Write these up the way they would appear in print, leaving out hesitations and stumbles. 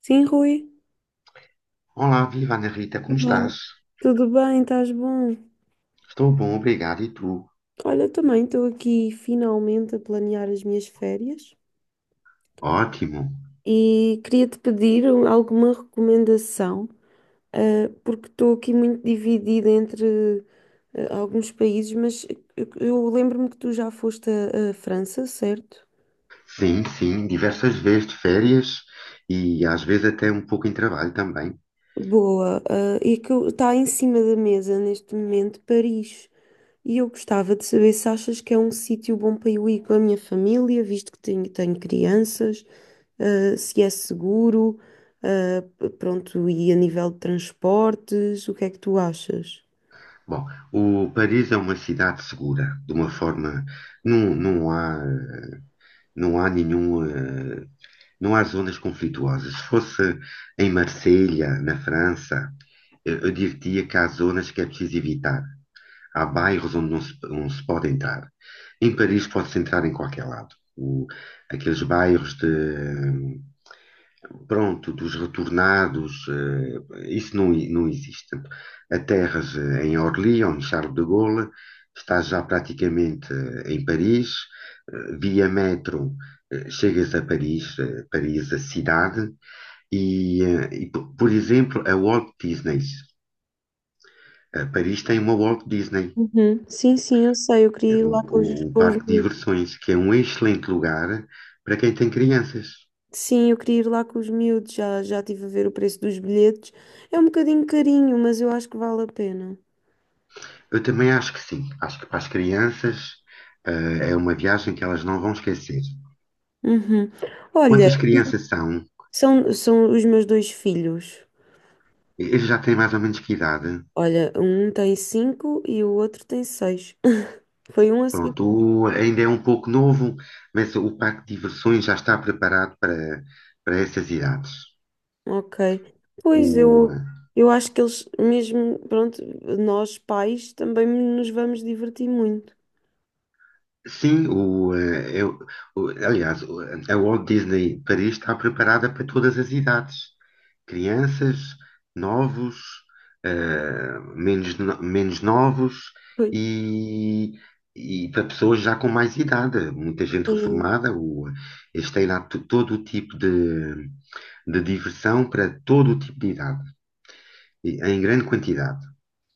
Sim, Rui. Olá, viva Ana Rita, como Olá, estás? tudo bem? Estás bom? Estou bom, obrigado. E tu? Olha, também estou aqui finalmente a planear as minhas férias Ótimo. e queria-te pedir alguma recomendação, porque estou aqui muito dividida entre alguns países, mas eu lembro-me que tu já foste à França, certo? Sim, sim, diversas vezes de férias e às vezes até um pouco em trabalho também. Boa. E que está em cima da mesa neste momento Paris. E eu gostava de saber se achas que é um sítio bom para eu ir com a minha família, visto que tenho crianças, se é seguro, pronto, e a nível de transportes, o que é que tu achas? Bom, o Paris é uma cidade segura, de uma forma, não, não há, não há nenhum, não há zonas conflituosas. Se fosse em Marselha, na França, eu diria que há zonas que é preciso evitar. Há bairros onde não se pode entrar. Em Paris pode-se entrar em qualquer lado. Aqueles bairros de, pronto, dos retornados, isso não, não existe. Portanto, a terras em Orly, ou no Charles de Gaulle, está já praticamente em Paris. Via metro, chegas a Paris, Paris, a cidade, por exemplo, a Walt Disney. Paris tem uma Walt Disney. Uhum. Sim, sim, eu sei, eu queria Era ir lá com os, o com os parque de miúdos. diversões, que é um excelente lugar para quem tem crianças. Sim, eu queria ir lá com os miúdos, já, já estive a ver o preço dos bilhetes. É um bocadinho carinho, mas eu acho que vale a pena. Eu também acho que sim. Acho que para as crianças, é uma viagem que elas não vão esquecer. Uhum. Olha, Quantas crianças são? são, são os meus dois filhos. Eles já têm mais ou menos que idade. Olha, um tem cinco e o outro tem seis. Foi um a seguir. Pronto, ainda é um pouco novo, mas o parque de diversões já está preparado para essas idades. Ok. Pois O, eu, eh, eu acho que eles, mesmo, pronto, nós pais também nos vamos divertir muito. sim, o, eh, eu, o- aliás, o- A Walt Disney Paris está preparada para todas as idades. Crianças, novos, menos, menos novos Pois. e, e para pessoas já com mais idade, muita gente Sim, reformada. Eles têm lá todo o tipo de diversão para todo o tipo de idade, em grande quantidade.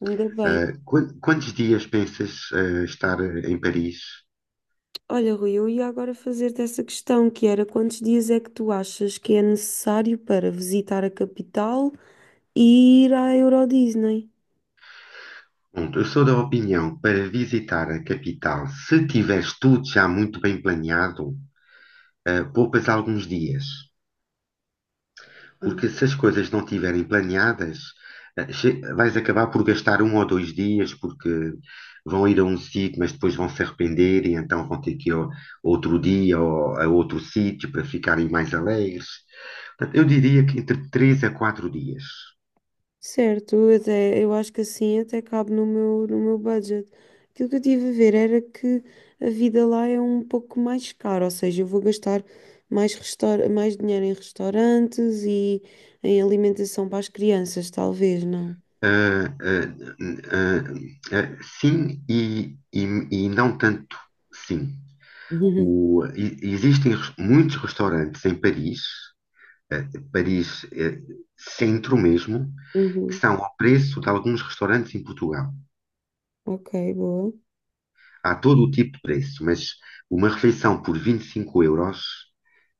ainda bem. Quantos dias pensas, estar em Paris? Olha, Rui, eu ia agora fazer-te essa questão, que era quantos dias é que tu achas que é necessário para visitar a capital e ir à Euro Disney? Pronto, eu sou da opinião para visitar a capital, se tiveres tudo já muito bem planeado, poupas alguns dias. Porque se as coisas não estiverem planeadas, vais acabar por gastar um ou dois dias, porque vão ir a um sítio, mas depois vão se arrepender e então vão ter que ir outro dia ou a outro sítio para ficarem mais alegres. Portanto, eu diria que entre 3 a 4 dias. Certo, eu acho que assim até cabe no meu budget. Aquilo que eu tive a ver era que a vida lá é um pouco mais cara, ou seja, eu vou gastar mais dinheiro em restaurantes e em alimentação para as crianças, talvez, não? Ah, ah, ah, sim e não tanto sim. Uhum. Existem muitos restaurantes em Paris, Paris, centro mesmo, que Uhum. são ao preço de alguns restaurantes em Portugal. Ok, boa. Há todo o tipo de preço, mas uma refeição por 25 euros,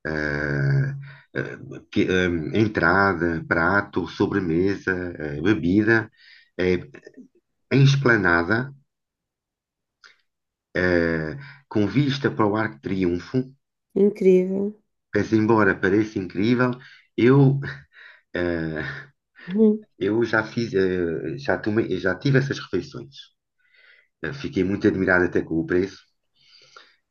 eh, eh, que, eh, entrada, prato, sobremesa, bebida, eh, em esplanada, eh, com vista para o Arco de Triunfo, Incrível. mas embora pareça incrível, eu, eh, Uhum. eu já fiz, já tomei, já tive essas refeições. Eh, Fiquei muito admirado até com o preço.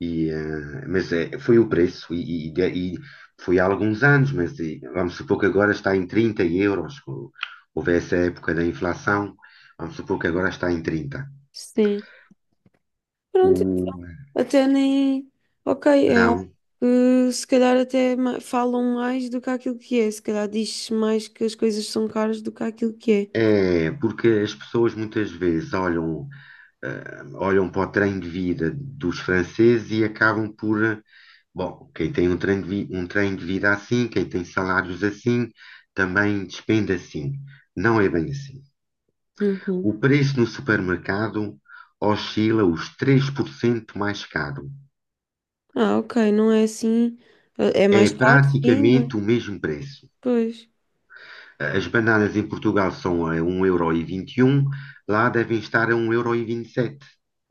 Foi o preço, e foi há alguns anos, vamos supor que agora está em 30 euros. Houve essa época da inflação, vamos supor que agora está em trinta. Sim. Pronto, O, até nem. Ok, é algo não, que se calhar falam mais do que aquilo que é. Se calhar diz-se mais que as coisas são caras do que aquilo que é. é porque as pessoas muitas vezes olham, olham para o trem de vida dos franceses e acabam por, bom, quem tem um um trem de vida assim, quem tem salários assim, também despende assim. Não é bem assim. Uhum. O preço no supermercado oscila os 3% mais caro. Ah, ok, não é assim. É, é mais É caro, sim, mas praticamente o mesmo preço. pois, As bananas em Portugal são a 1,21€, lá devem estar a um 1,27€.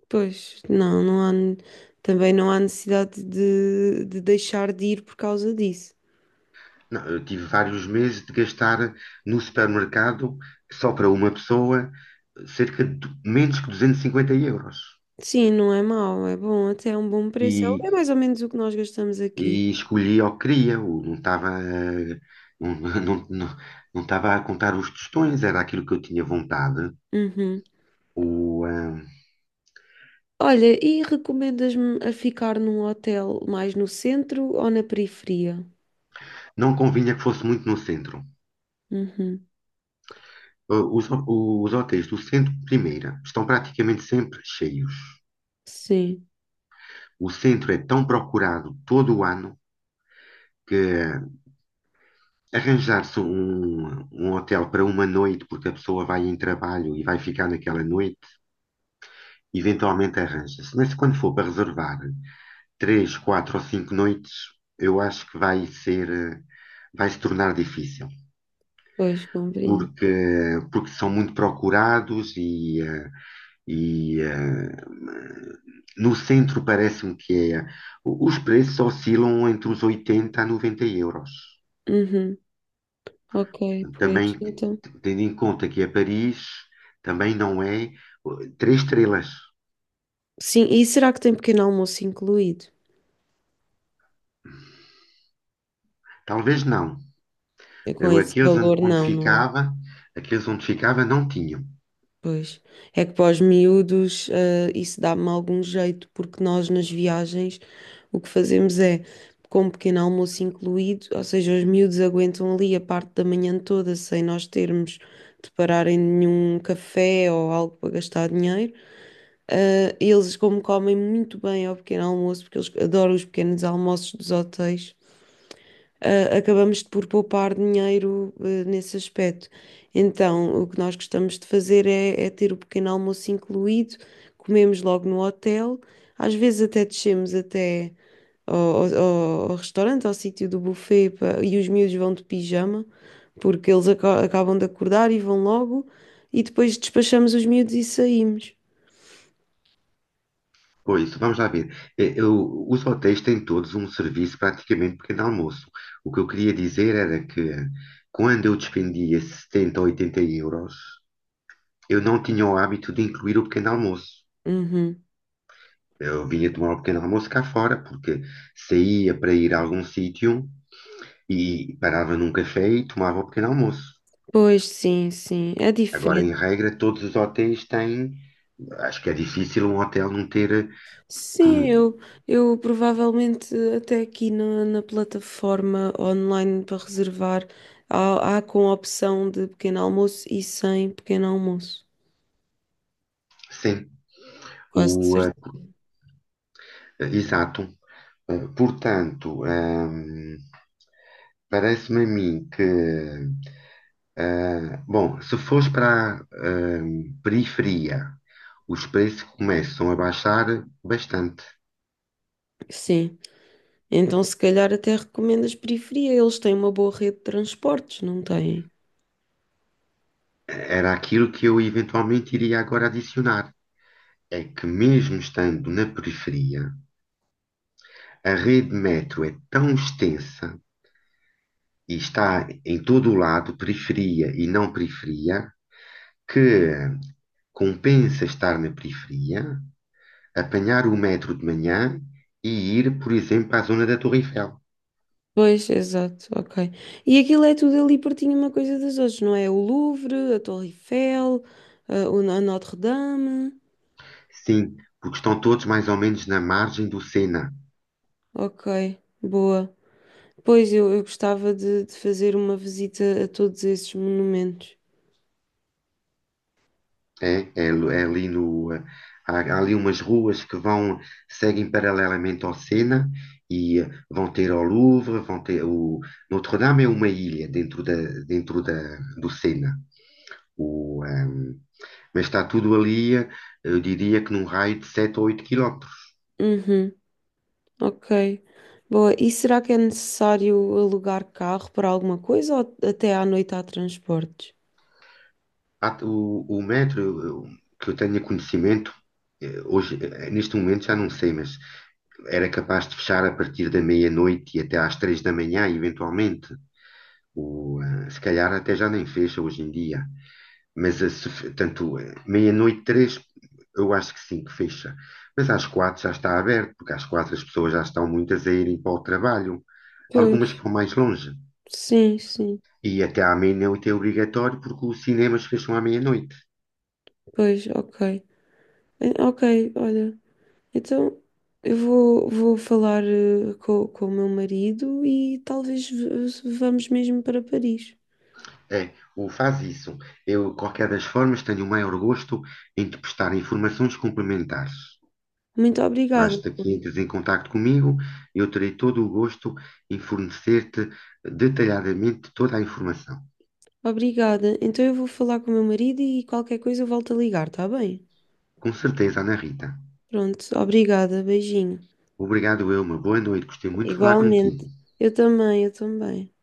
pois. Também não há necessidade de deixar de ir por causa disso. Não, eu tive vários meses de gastar no supermercado, só para uma pessoa, cerca de menos que 250 euros. Sim, não é mau, é bom, até é um bom preço. E, É, é mais ou menos o que nós gastamos aqui. e escolhi o que queria, não, não, não, não estava a contar os tostões, era aquilo que eu tinha vontade. Uhum. O, eh, Olha, e recomendas-me a ficar num hotel mais no centro ou na periferia? não convinha que fosse muito no centro. Uhum. O- Os, ho- os hotéis do centro, primeira, estão praticamente sempre cheios. Sim, O centro é tão procurado todo o ano que arranjar-se um hotel para uma noite, porque a pessoa vai em trabalho e vai ficar naquela noite, eventualmente arranja-se. Mas quando for para reservar três, quatro ou cinco noites, eu acho que vai ser, vai se tornar difícil. pois compreendo. Porque, porque são muito procurados e eh, no centro parece-me que é, os preços oscilam entre os 80 a 90 euros. Uhum. Ok, pois Também, então. tendo em conta que é Paris, também não é três estrelas. Sim, e será que tem pequeno almoço incluído? Talvez não. É, com esse Aqueles onde valor, onde não, não é? ficava, aqueles onde ficava não tinham. Pois. É que para os miúdos, isso dá-me algum jeito, porque nós nas viagens o que fazemos é, com um pequeno almoço incluído, ou seja, os miúdos aguentam ali a parte da manhã toda sem nós termos de parar em nenhum café ou algo para gastar dinheiro. Eles, como comem muito bem ao pequeno almoço, porque eles adoram os pequenos almoços dos hotéis, acabamos por poupar dinheiro, nesse aspecto. Então, o que nós gostamos de fazer é, é ter o pequeno almoço incluído, comemos logo no hotel, às vezes até descemos até ao restaurante, ao sítio do buffet, e os miúdos vão de pijama, porque eles acabam de acordar e vão logo, e depois despachamos os miúdos e saímos. Pois, vamos lá ver. Os hotéis têm todos um serviço praticamente pequeno almoço. O que eu queria dizer era que quando eu despendia 70 ou 80 euros, eu não tinha o hábito de incluir o pequeno almoço. Uhum. Eu vinha tomar o pequeno almoço cá fora, porque saía para ir a algum sítio e parava num café e tomava o pequeno almoço. Pois, sim, sim, é Agora, em diferente. regra, todos os hotéis têm. Acho que é difícil um hotel não ter, Sim, por- eu, eu provavelmente até aqui na plataforma online para reservar, há com a opção de pequeno almoço e sem pequeno almoço. sim. Quase de O, certeza. Exato. Portanto, parece-me a mim que, bom, se fores para a periferia, os preços começam a baixar bastante. Sim. Então, se calhar até recomendo as periferia. Eles têm uma boa rede de transportes, não têm? Era aquilo que eu eventualmente iria agora adicionar. É que mesmo estando na periferia, a rede metro é tão extensa e está em todo o lado, periferia e não periferia, que compensa estar na periferia, apanhar o metro de manhã e ir, por exemplo, à zona da Torre Eiffel. Pois, exato, ok. E aquilo é tudo ali pertinho uma coisa das outras, não é? O Louvre, a Torre Eiffel, a Notre-Dame. Sim, porque estão todos mais ou menos na margem do Sena. Ok, boa. Eu gostava de fazer uma visita a todos esses monumentos. É ali no, há, há ali umas ruas que vão, seguem paralelamente ao Sena vão ter ao Louvre, vão ter o Notre-Dame. É uma ilha dentro da, do Sena. O, ehm, mas está tudo ali, eu diria que num raio de 7 ou 8 quilómetros. Uhum, ok. Boa. E será que é necessário alugar carro para alguma coisa ou até à noite há transportes? O metro, que eu tenha conhecimento, hoje, neste momento já não sei, mas era capaz de fechar a partir da meia-noite e até às três da manhã, eventualmente. Se calhar até já nem fecha hoje em dia. Mas eh, se fe- tanto eh, meia-noite, três, eu acho que sim, que fecha. Mas às quatro já está aberto, porque às quatro as pessoas já estão muitas a irem para o trabalho. Pois, Algumas que vão mais longe. sim, sim. E até à meia-noite é obrigatório, porque os cinemas fecham à meia-noite. Pois, ok. Ok, olha. Então vou falar com o meu marido e vamos mesmo para Paris. É, o faz isso. Eu, qualquer das formas, tenho o maior gosto em te prestar informações complementares. Muito obrigada. Basta que entres em contato comigo, eu terei todo o gosto em fornecer-te detalhadamente toda a informação. Obrigada. Então eu vou falar com o meu marido e qualquer coisa eu volto a ligar, tá bem? Com certeza, Ana Rita. Pronto, obrigada, beijinho. Obrigado, eu. Uma boa noite. Gostei muito de falar contigo. Igualmente. Eu também, eu também.